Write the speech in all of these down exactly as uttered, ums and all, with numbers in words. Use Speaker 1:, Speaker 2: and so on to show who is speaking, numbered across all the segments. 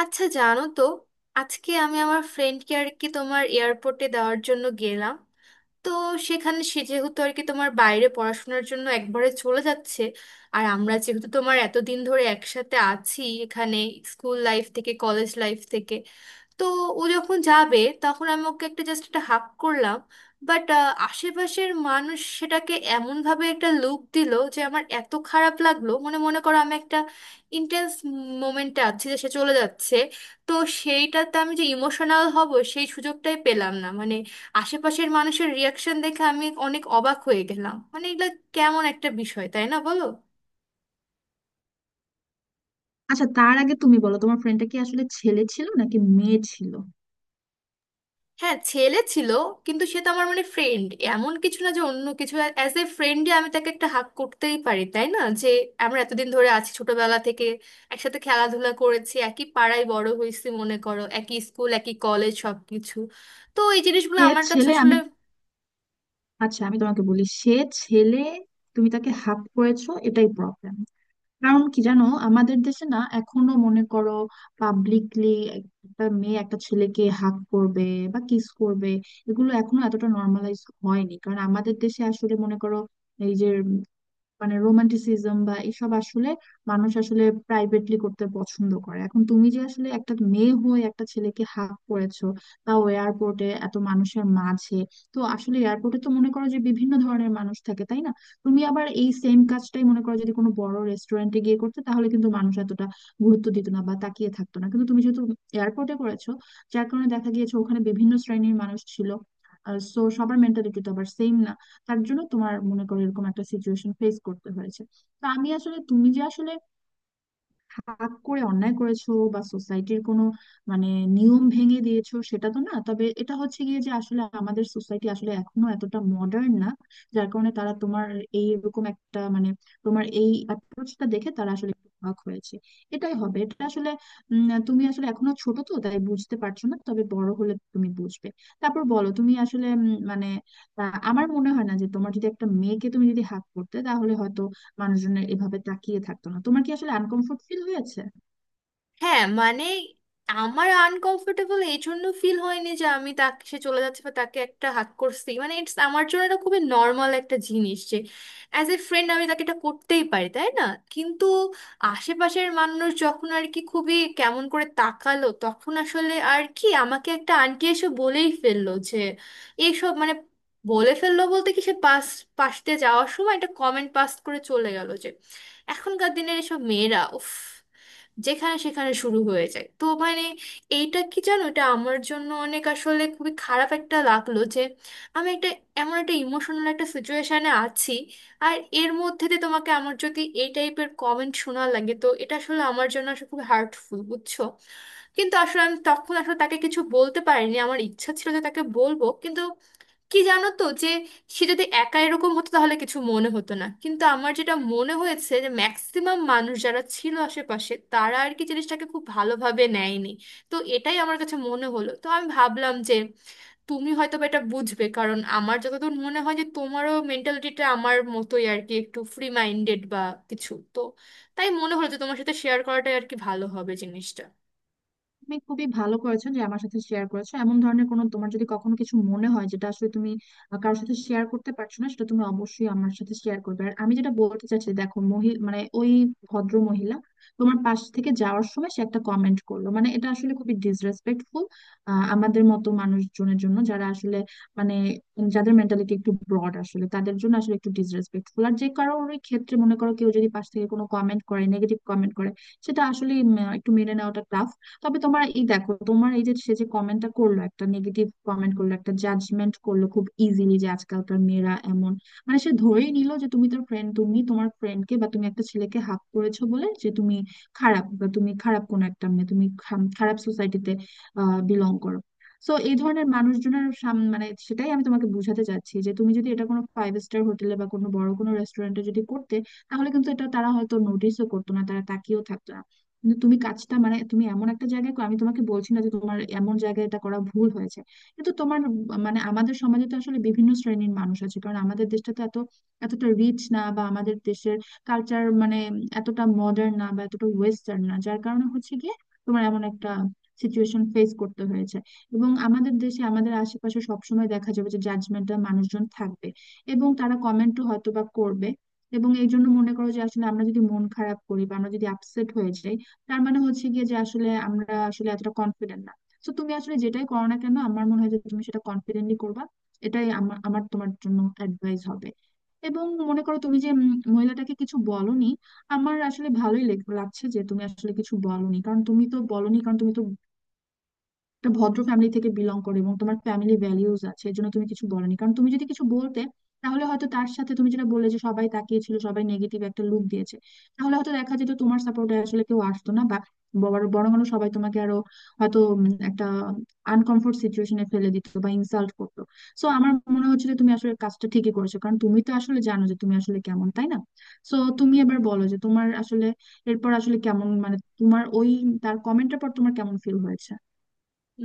Speaker 1: আচ্ছা, জানো তো, আজকে আমি আমার ফ্রেন্ডকে আর কি তোমার এয়ারপোর্টে দেওয়ার জন্য গেলাম। তো সেখানে সে যেহেতু আর কি তোমার বাইরে পড়াশোনার জন্য একবারে চলে যাচ্ছে, আর আমরা যেহেতু তোমার এতদিন ধরে একসাথে আছি এখানে, স্কুল লাইফ থেকে কলেজ লাইফ থেকে। তো ও যখন যাবে তখন আমি ওকে একটা জাস্ট একটা হাক করলাম। বাট আশেপাশের মানুষ সেটাকে এমনভাবে একটা লুক দিল যে আমার এত খারাপ লাগলো, মনে মনে করো আমি একটা ইন্টেন্স মোমেন্টে আছি যে সে চলে যাচ্ছে। তো সেইটাতে আমি যে ইমোশনাল হব সেই সুযোগটাই পেলাম না, মানে আশেপাশের মানুষের রিয়াকশন দেখে আমি অনেক অবাক হয়ে গেলাম। মানে এগুলো কেমন একটা বিষয়, তাই না, বলো?
Speaker 2: আচ্ছা, তার আগে তুমি বলো, তোমার ফ্রেন্ডটা কি আসলে ছেলে ছিল নাকি মেয়ে ছিল?
Speaker 1: হ্যাঁ, ছেলে ছিল। কিন্তু সে তো আমার মানে ফ্রেন্ড, এমন কিছু না যে অন্য কিছু। অ্যাজ এ ফ্রেন্ডে আমি তাকে একটা হাক করতেই পারি, তাই না? যে আমরা এতদিন ধরে আছি, ছোটবেলা থেকে একসাথে খেলাধুলা করেছি, একই পাড়ায় বড় হয়েছি, মনে করো একই স্কুল একই কলেজ সবকিছু। তো এই জিনিসগুলো
Speaker 2: সে
Speaker 1: আমার কাছে
Speaker 2: ছেলে।
Speaker 1: আসলে।
Speaker 2: আমি আচ্ছা, আমি তোমাকে বলি, সে ছেলে। তুমি তাকে হাত করেছো, এটাই প্রবলেম। কারণ কি জানো, আমাদের দেশে না এখনো মনে করো পাবলিকলি একটা মেয়ে একটা ছেলেকে হাত করবে বা কিস করবে, এগুলো এখনো এতটা নর্মালাইজ হয়নি। কারণ আমাদের দেশে আসলে মনে করো এই যে মানে রোমান্টিসিজম বা এসব আসলে মানুষ আসলে প্রাইভেটলি করতে পছন্দ করে। এখন তুমি যে আসলে একটা মেয়ে হয়ে একটা ছেলেকে হাত করেছো, তাও এয়ারপোর্টে এত মানুষের মাঝে, তো আসলে এয়ারপোর্টে তো মনে করো যে বিভিন্ন ধরনের মানুষ থাকে, তাই না? তুমি আবার এই সেম কাজটাই মনে করো যদি কোনো বড় রেস্টুরেন্টে গিয়ে করতে, তাহলে কিন্তু মানুষ এতটা গুরুত্ব দিত না বা তাকিয়ে থাকতো না, কিন্তু তুমি যেহেতু এয়ারপোর্টে করেছো, যার কারণে দেখা গিয়েছে ওখানে বিভিন্ন শ্রেণীর মানুষ ছিল। সো সবার মেন্টালিটি তো আবার সেম না, তার জন্য তোমার মনে করো এরকম একটা সিচুয়েশন ফেস করতে হয়েছে। তো আমি আসলে তুমি যে আসলে হাত করে অন্যায় করেছো বা সোসাইটির কোনো মানে নিয়ম ভেঙে দিয়েছো, সেটা তো না। তবে এটা হচ্ছে গিয়ে যে আসলে আমাদের সোসাইটি আসলে এখনো এতটা মডার্ন না, যার কারণে তারা তোমার এই এরকম একটা মানে তোমার এই অ্যাপ্রোচটা দেখে তারা আসলে একটু অবাক হয়েছে। এটাই হবে, এটা আসলে উম, তুমি আসলে এখনো ছোট তো, তাই বুঝতে পারছো না, তবে বড় হলে তুমি বুঝবে। তারপর বলো, তুমি আসলে উম, মানে আহ, আমার মনে হয় না যে তোমার যদি একটা মেয়েকে তুমি যদি হাত করতে তাহলে মানুষজনের এভাবে তাকিয়ে থাকতো না। তোমার কি আসলে আনকমফোর্ট ফিল হয়েছে?
Speaker 1: হ্যাঁ মানে, আমার আনকমফোর্টেবল এই জন্য ফিল হয়নি যে আমি তাকে, সে চলে যাচ্ছে বা তাকে একটা হাত করছি, মানে ইটস, আমার জন্য এটা খুবই নর্মাল একটা জিনিস যে অ্যাজ এ ফ্রেন্ড আমি তাকে এটা করতেই পারি, তাই না? কিন্তু আশেপাশের মানুষ যখন আর কি খুবই কেমন করে তাকালো, তখন আসলে আর কি আমাকে একটা আন্টি এসে বলেই ফেললো যে এইসব মানে, বলে ফেললো বলতে কি, সে পাস পাশ দিয়ে যাওয়ার সময় একটা কমেন্ট পাস করে চলে গেল যে এখনকার দিনের এসব মেয়েরা উফ, যেখানে সেখানে শুরু হয়ে যায়। তো মানে এইটা কি জানো, এটা আমার জন্য অনেক আসলে খুবই খারাপ একটা লাগলো যে আমি একটা, এমন একটা ইমোশনাল একটা সিচুয়েশনে আছি আর এর মধ্যে দিয়ে তোমাকে আমার যদি এই টাইপের কমেন্ট শোনা লাগে, তো এটা আসলে আমার জন্য আসলে খুব হার্টফুল, বুঝছো? কিন্তু আসলে আমি তখন আসলে তাকে কিছু বলতে পারিনি, আমার ইচ্ছা ছিল যে তাকে বলবো, কিন্তু কি জানো তো যে সে যদি একা এরকম হতো তাহলে কিছু মনে হতো না, কিন্তু আমার যেটা মনে হয়েছে যে ম্যাক্সিমাম মানুষ যারা ছিল আশেপাশে, তারা আর কি জিনিসটাকে খুব ভালোভাবে নেয়নি। তো এটাই আমার কাছে মনে হলো, তো আমি ভাবলাম যে তুমি হয়তো বা এটা বুঝবে, কারণ আমার যতদূর মনে হয় যে তোমারও মেন্টালিটিটা আমার মতোই, আর কি একটু ফ্রি মাইন্ডেড বা কিছু। তো তাই মনে হলো যে তোমার সাথে শেয়ার করাটাই আর কি ভালো হবে জিনিসটা।
Speaker 2: তুমি খুবই ভালো করেছো যে আমার সাথে শেয়ার করেছো। এমন ধরনের কোনো তোমার যদি কখনো কিছু মনে হয় যেটা আসলে তুমি আহ, কারোর সাথে শেয়ার করতে পারছো না, সেটা তুমি অবশ্যই আমার সাথে শেয়ার করবে। আর আমি যেটা বলতে চাচ্ছি, দেখো মহি মানে ওই ভদ্র মহিলা তোমার পাশ থেকে যাওয়ার সময় সে একটা কমেন্ট করলো, মানে এটা আসলে খুবই ডিসরেসপেক্টফুল আমাদের মতো মানুষজনের জন্য যারা আসলে মানে যাদের মেন্টালিটি একটু ব্রড আসলে, তাদের জন্য আসলে একটু ডিসরেসপেক্টফুল। আর যে কারোর ওই ক্ষেত্রে মনে করো কেউ যদি পাশ থেকে কোনো কমেন্ট করে, নেগেটিভ কমেন্ট করে, সেটা আসলে একটু মেনে নেওয়াটা টাফ। তবে তোমার এই দেখো, তোমার এই যে সে যে কমেন্টটা করলো, একটা নেগেটিভ কমেন্ট করলো, একটা জাজমেন্ট করলো খুব ইজিলি যে আজকালকার মেয়েরা এমন, মানে সে ধরেই নিল যে তুমি তোর ফ্রেন্ড তুমি তোমার ফ্রেন্ডকে বা তুমি একটা ছেলেকে হাত করেছো বলে যে তুমি খারাপ বা তুমি খারাপ কোন একটা মেয়ে, তুমি খাম- খারাপ সোসাইটিতে বিলং করো। তো এই ধরনের মানুষজনের সাম মানে সেটাই আমি তোমাকে বুঝাতে চাচ্ছি যে তুমি যদি এটা কোনো ফাইভ স্টার হোটেলে বা কোনো বড় কোনো রেস্টুরেন্টে যদি করতে, তাহলে কিন্তু এটা তারা হয়তো নোটিশও করতো না, তারা তাকিয়েও থাকতো। কিন্তু তুমি কাজটা মানে তুমি এমন একটা জায়গায় কর- আমি তোমাকে বলছি না যে তোমার এমন জায়গায় এটা করা ভুল হয়েছে, কিন্তু তোমার উম মানে আমাদের সমাজে তো আসলে বিভিন্ন শ্রেণীর মানুষ আছে, কারণ আমাদের দেশটা তো এত এতটা রিচ না, বা আমাদের দেশের কালচার মানে এতটা মডার্ন না বা এতটা ওয়েস্টার্ন না, যার কারণে হচ্ছে গিয়ে তোমার এমন একটা সিচুয়েশন ফেস করতে হয়েছে। এবং আমাদের দেশে আমাদের আশেপাশে সবসময় দেখা যাবে যে জাজমেন্টাল মানুষজন থাকবে এবং তারা কমেন্টও হয়তো বা করবে। এবং এই জন্য মনে করো যে আসলে আমরা যদি মন খারাপ করি বা আমরা যদি আপসেট হয়ে যাই, তার মানে হচ্ছে গিয়ে যে আসলে আমরা আসলে এতটা কনফিডেন্ট না। তো তুমি আসলে যেটাই করো না কেন, আমার মনে হয় যে তুমি সেটা কনফিডেন্টলি করবা। এটাই আমার আমার তোমার জন্য অ্যাডভাইস হবে। এবং মনে করো তুমি যে উম, মহিলাটাকে কিছু বলনি, আমার আসলে ভালোই লেগ- লাগছে যে তুমি আসলে কিছু বলনি। কারণ তুমি তো বলনি কারণ তুমি তো একটা ভদ্র ফ্যামিলি থেকে বিলং করে এবং তোমার ফ্যামিলি ভ্যালিউজ আছে, এর জন্য তুমি কিছু বলনি। কারণ তুমি যদি কিছু বলতে, তাহলে হয়তো তার সাথে তুমি যেটা বললে যে সবাই তাকিয়েছিল, সবাই নেগেটিভ একটা লুক দিয়েছে, তাহলে হয়তো দেখা যেত তোমার সাপোর্টে আসলে কেউ আসতো না, বা বড়- বরং আরো সবাই তোমাকে আরো হয়তো উম, একটা আনকমফোর্ট সিচুয়েশনে ফেলে দিত বা ইনসাল্ট করতো। সো আমার মনে হচ্ছে যে তুমি আসলে কাজটা ঠিকই করেছো, কারণ তুমি তো আসলে জানো যে তুমি আসলে কেমন, তাই না? সো তুমি এবার বলো যে তোমার আসলে এরপর আসলে কেমন মানে তোমার ওই তার কমেন্টের পর তোমার কেমন ফিল হয়েছে?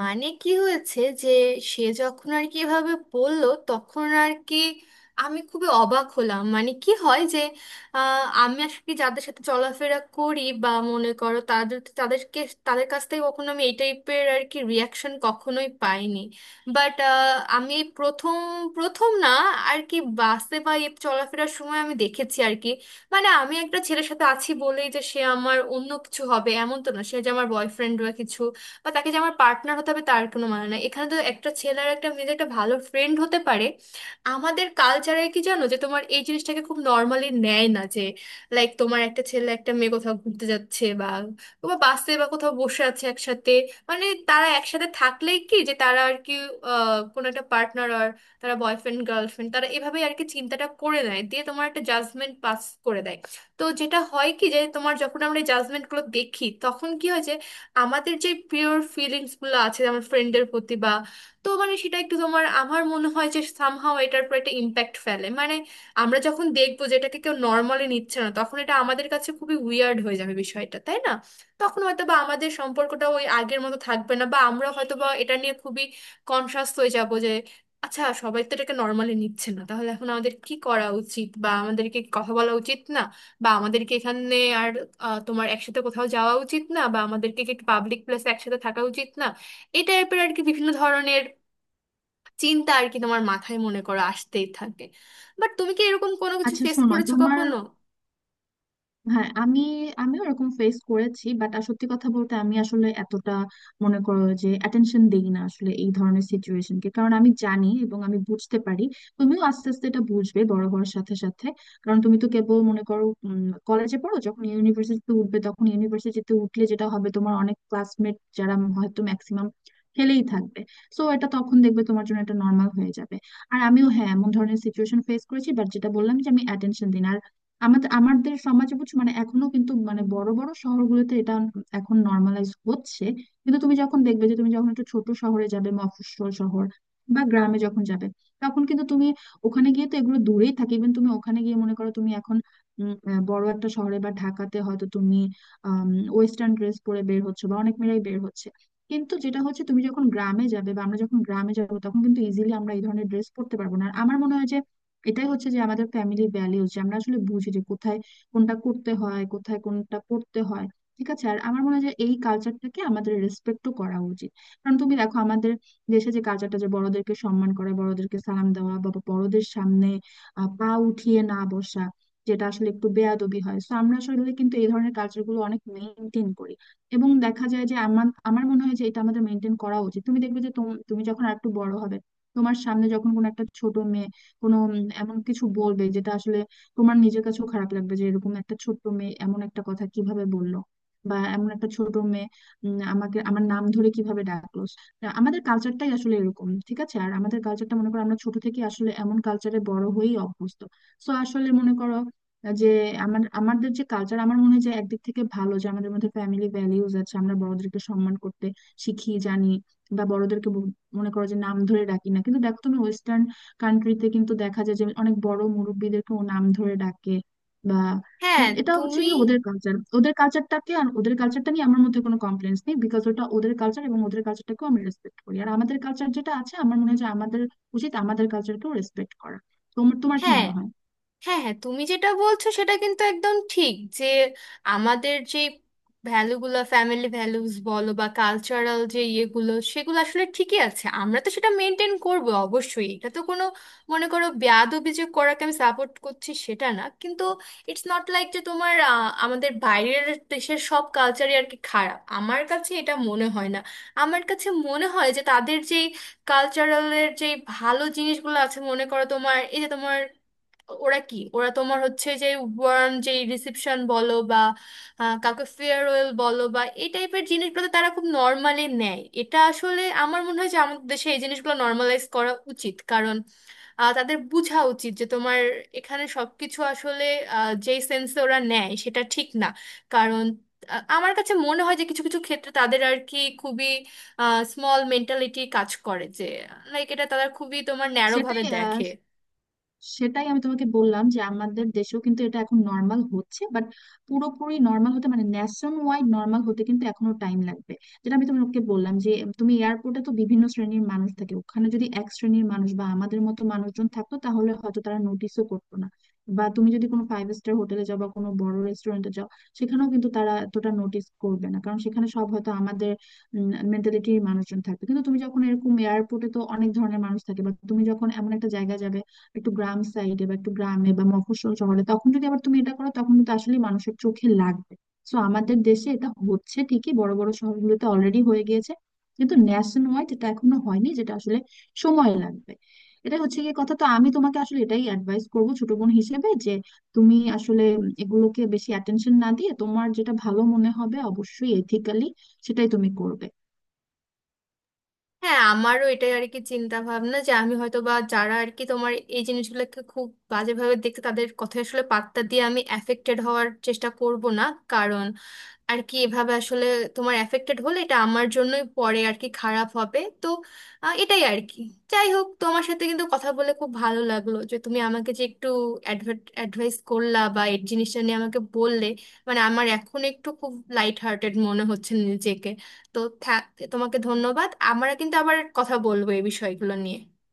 Speaker 1: মানে কি হয়েছে যে সে যখন আর কি এভাবে বললো তখন আর কি আমি খুবই অবাক হলাম। মানে কি হয় যে আহ, আমি আর কি যাদের সাথে চলাফেরা করি বা মনে করো, তাদের তাদেরকে তাদের কাছ থেকে কখনো আমি এই টাইপের আর কি রিয়াকশন কখনোই পাইনি। বাট আমি এই প্রথম প্রথম না আর কি বাসে বা এই চলাফেরার সময় আমি দেখেছি আর কি মানে আমি একটা ছেলের সাথে আছি বলেই যে সে আমার অন্য কিছু হবে এমন তো না, সে যে আমার বয়ফ্রেন্ড বা কিছু, বা তাকে যে আমার পার্টনার হতে হবে তার কোনো মানে না। এখানে তো একটা ছেলে আর একটা মেয়ে যে একটা ভালো ফ্রেন্ড হতে পারে। আমাদের কালচারে কি জানো, যে তোমার এই জিনিসটাকে খুব নর্মালি নেয় না, যে লাইক তোমার একটা ছেলে একটা মেয়ে কোথাও ঘুরতে যাচ্ছে বা বা বাসে বা কোথাও বসে আছে একসাথে, মানে তারা একসাথে থাকলেই কি যে তারা আর কি আহ, কোনো একটা পার্টনার আর, তারা বয়ফ্রেন্ড গার্লফ্রেন্ড, তারা এভাবেই আর কি চিন্তাটা করে নেয়, দিয়ে তোমার একটা জাজমেন্ট পাস করে দেয়। তো যেটা হয় কি যে তোমার যখন আমরা জাজমেন্ট গুলো দেখি তখন কি হয় যে আমাদের যে পিওর ফিলিংস গুলো আছে আমার ফ্রেন্ডের প্রতি বা, তো মানে সেটা একটু তোমার, আমার মনে হয় যে সামহাও এটার উপর একটা ইম্প্যাক্ট ফেলে, মানে আমরা যখন দেখবো যে এটাকে কেউ নর্মালি নিচ্ছে না, তখন এটা আমাদের কাছে খুবই উইয়ার্ড হয়ে যাবে বিষয়টা, তাই না? তখন হয়তো বা আমাদের সম্পর্কটা ওই আগের মতো থাকবে না, বা আমরা হয়তো বা এটা নিয়ে খুবই কনসাস হয়ে যাব যে আচ্ছা, সবাই তো এটাকে নর্মালি নিচ্ছে না, তাহলে এখন আমাদের কি করা উচিত, বা আমাদেরকে কথা বলা উচিত না, বা আমাদেরকে এখানে আর আহ, তোমার একসাথে কোথাও যাওয়া উচিত না, বা আমাদেরকে কি একটু পাবলিক প্লেসে একসাথে থাকা উচিত না, এই টাইপের আর কি বিভিন্ন ধরনের চিন্তা আর কি তোমার মাথায় মনে করো আসতেই থাকে। বাট তুমি কি এরকম কোনো কিছু
Speaker 2: আচ্ছা
Speaker 1: ফেস
Speaker 2: শোনো,
Speaker 1: করেছো
Speaker 2: তোমার
Speaker 1: কখনো?
Speaker 2: হ্যাঁ আমি, আমি ওরকম ফেস করেছি, বাট সত্যি কথা বলতে আমি আসলে এতটা মনে করো যে অ্যাটেনশন দেই না আসলে এই ধরনের সিচুয়েশনকে, কারণ আমি জানি এবং আমি বুঝতে পারি। তুমিও আস্তে আস্তে এটা বুঝবে বড় হওয়ার সাথে সাথে। কারণ তুমি তো কেবল মনে করো কলেজে পড়ো, যখন ইউনিভার্সিটিতে উঠবে, তখন ইউনিভার্সিটিতে উঠলে যেটা হবে তোমার অনেক ক্লাসমেট যারা হয়তো ম্যাক্সিমাম ফেলেই থাকবে। সো এটা তখন দেখবে তোমার জন্য এটা নর্মাল হয়ে যাবে। আর আমিও হ্যাঁ, এমন ধরনের সিচুয়েশন ফেস করেছি, বাট যেটা বললাম যে আমি অ্যাটেনশন দিই না। আমাদের আমাদের সমাজে বুঝছো, মানে এখনো কিন্তু মানে বড় বড় শহরগুলোতে এটা এখন নর্মালাইজ হচ্ছে। কিন্তু তুমি যখন দেখবে যে তুমি যখন একটু ছোট শহরে যাবে, মফস্বল শহর বা গ্রামে যখন যাবে, তখন কিন্তু তুমি ওখানে গিয়ে তো এগুলো দূরেই থাকে। ইভেন তুমি ওখানে গিয়ে মনে করো তুমি এখন উম, আহ, বড় একটা শহরে বা ঢাকাতে হয়তো তুমি ওয়েস্টার্ন ড্রেস পরে বের হচ্ছে বা অনেক মেয়েরাই বের হচ্ছে, কিন্তু যেটা হচ্ছে তুমি যখন গ্রামে যাবে বা আমরা যখন গ্রামে যাবো, তখন কিন্তু ইজিলি আমরা এই ধরনের ড্রেস পরতে পারবো না। আর আমার মনে হয় যে এটাই হচ্ছে যে আমাদের ফ্যামিলি ভ্যালিউজ, যে আমরা আসলে বুঝি যে কোথায় কোনটা করতে হয়, কোথায় কোনটা করতে হয়। ঠিক আছে? আর আমার মনে হয় যে এই কালচারটাকে আমাদের রেসপেক্টও করা উচিত। কারণ তুমি দেখো আমাদের দেশে যে কালচারটা, যে বড়দেরকে সম্মান করা, বড়দেরকে সালাম দেওয়া, বা বড়দের সামনে আহ, পা উঠিয়ে না বসা, যেটা আসলে একটু বেয়াদবি হয়, তো আমরা আসলে কিন্তু এই ধরনের কালচারগুলো অনেক মেনটেন করি। এবং দেখা যায় যে আমার আমার মনে হয় যে এটা আমাদের মেনটেন করা উচিত। তুমি দেখবে যে তোম- তুমি যখন আর একটু বড় হবে, তোমার সামনে যখন কোনো একটা ছোট মেয়ে কোনো উম, এমন কিছু বলবে যেটা আসলে তোমার নিজের কাছেও খারাপ লাগবে যে এরকম একটা ছোট্ট মেয়ে এমন একটা কথা কিভাবে বললো, বা এমন একটা ছোট মেয়ে উম, আমাকে আমার নাম ধরে কিভাবে ডাকলো। তা আমাদের কালচারটাই আসলে এরকম, ঠিক আছে? আর আমাদের কালচারটা মনে করো আমরা ছোট থেকে আসলে এমন কালচারে বড় হয়েই অভ্যস্ত। সো আসলে মনে করো যে আমার আমাদের যে কালচার, আমার মনে হয় যে একদিক থেকে ভালো যে আমাদের মধ্যে ফ্যামিলি ভ্যালিউজ আছে, আমরা বড়দেরকে সম্মান করতে শিখি, জানি, বা বড়দেরকে ব- মনে করো যে নাম ধরে ডাকি না। কিন্তু দেখো তুমি ওয়েস্টার্ন কান্ট্রিতে কিন্তু দেখা যায় যে অনেক বড় মুরব্বিদেরকেও নাম ধরে ডাকে বা
Speaker 1: হ্যাঁ।
Speaker 2: এটা হচ্ছে
Speaker 1: তুমি।
Speaker 2: কি ওদের কালচার। ওদের কালচারটাকে আর ওদের কালচারটা নিয়ে আমার মধ্যে কোনো কমপ্লেন্স নেই, বিকজ ওটা ওদের কালচার এবং ওদের কালচারটাকেও আমি রেসপেক্ট করি। আর আমাদের কালচার যেটা আছে, আমার মনে হয় যে আমাদের উচিত আমাদের কালচারকেও রেসপেক্ট করা। তোমার তোমার কি
Speaker 1: হ্যাঁ
Speaker 2: মনে হয়?
Speaker 1: হ্যাঁ হ্যাঁ তুমি যেটা বলছো সেটা কিন্তু একদম ঠিক, যে আমাদের যে ভ্যালুগুলো, ফ্যামিলি ভ্যালুস বলো বা কালচারাল যে ইয়েগুলো, সেগুলো আসলে ঠিকই আছে, আমরা তো সেটা মেনটেন করব অবশ্যই। এটা তো কোনো, মনে করো, বেয়াদবি যে করাকে আমি সাপোর্ট করছি সেটা না। কিন্তু ইটস নট লাইক যে তোমার আহ, আমাদের বাইরের দেশের সব কালচারই আর কি খারাপ, আমার কাছে এটা মনে হয় না। আমার কাছে মনে হয় যে তাদের যেই কালচারালের যে ভালো জিনিসগুলো আছে, মনে করো তোমার এই যে তোমার, ওরা কি ওরা তোমার হচ্ছে যে ওয়ার্ম যে রিসেপশন বলো বা আহ, কাউকে ফেয়ারওয়েল বলো, বা এই টাইপের জিনিসগুলো তারা খুব নর্মালি নেয়, এটা আসলে আমার মনে হয় যে আমাদের দেশে এই জিনিসগুলো নর্মালাইজ করা উচিত। কারণ আহ, তাদের বোঝা উচিত যে তোমার এখানে সবকিছু আসলে আহ, যেই সেন্সে ওরা নেয় সেটা ঠিক না। কারণ আহ, আমার কাছে মনে হয় যে কিছু কিছু ক্ষেত্রে তাদের আর কি খুবই স্মল মেন্টালিটি কাজ করে, যে লাইক এটা তারা খুবই তোমার ন্যারো ভাবে
Speaker 2: সেটাই
Speaker 1: দেখে।
Speaker 2: সেটাই আমি তোমাকে বললাম যে আমাদের দেশেও কিন্তু এটা এখন নর্মাল হচ্ছে, বাট পুরোপুরি নর্মাল হতে মানে ন্যাশন ওয়াইড নর্মাল হতে কিন্তু এখনো টাইম লাগবে। যেটা আমি তোমাকে বললাম যে তুমি এয়ারপোর্টে তো বিভিন্ন শ্রেণীর মানুষ থাকে, ওখানে যদি এক শ্রেণীর মানুষ বা আমাদের মতো মানুষজন থাকতো তাহলে হয়তো তারা নোটিশও করতো না। বা তুমি যদি কোনো ফাইভ স্টার হোটেলে যাও বা কোনো বড় রেস্টুরেন্টে যাও, সেখানেও কিন্তু তারা এতটা নোটিস করবে না, কারণ সেখানে সব হয়তো আমাদের মেন্টালিটির মানুষজন থাকবে। কিন্তু তুমি যখন এরকম এয়ারপোর্টে তো অনেক ধরনের মানুষ থাকে, বা তুমি যখন এমন একটা জায়গায় যাবে একটু গ্রাম সাইডে বা একটু গ্রামে বা মফস্বল শহরে, তখন যদি আবার তুমি এটা করো তখন কিন্তু আসলে মানুষের চোখে লাগবে। তো আমাদের দেশে এটা হচ্ছে ঠিকই বড় বড় শহরগুলোতে অলরেডি হয়ে গিয়েছে, কিন্তু ন্যাশন ওয়াইড এটা এখনো হয়নি, যেটা আসলে সময় লাগবে। এটা হচ্ছে গিয়ে কথা। তো আমি তোমাকে আসলে এটাই অ্যাডভাইস করবো ছোট বোন হিসেবে যে তুমি আসলে এগুলোকে বেশি অ্যাটেনশন না দিয়ে তোমার যেটা ভালো মনে হবে, অবশ্যই এথিক্যালি, সেটাই তুমি করবে।
Speaker 1: হ্যাঁ, আমারও এটাই আর কি চিন্তা ভাবনা যে আমি হয়তো বা যারা আর কি তোমার এই জিনিসগুলোকে খুব বাজেভাবে দেখতে, তাদের কথা আসলে পাত্তা দিয়ে আমি অ্যাফেক্টেড হওয়ার চেষ্টা করব না। কারণ আর কি এভাবে আসলে তোমার এফেক্টেড হলে এটা আমার জন্যই পরে আর কি খারাপ হবে। তো আহ, এটাই আর কি যাই হোক, তোমার সাথে কিন্তু কথা বলে খুব ভালো লাগলো যে তুমি আমাকে যে একটু অ্যাডভাইস করলা বা এই জিনিসটা নিয়ে আমাকে বললে। মানে আমার এখন একটু খুব লাইট হার্টেড মনে হচ্ছে নিজেকে। তো থ্যা- তোমাকে ধন্যবাদ, আমরা কিন্তু আবার কথা বলবো এই বিষয়গুলো নিয়ে।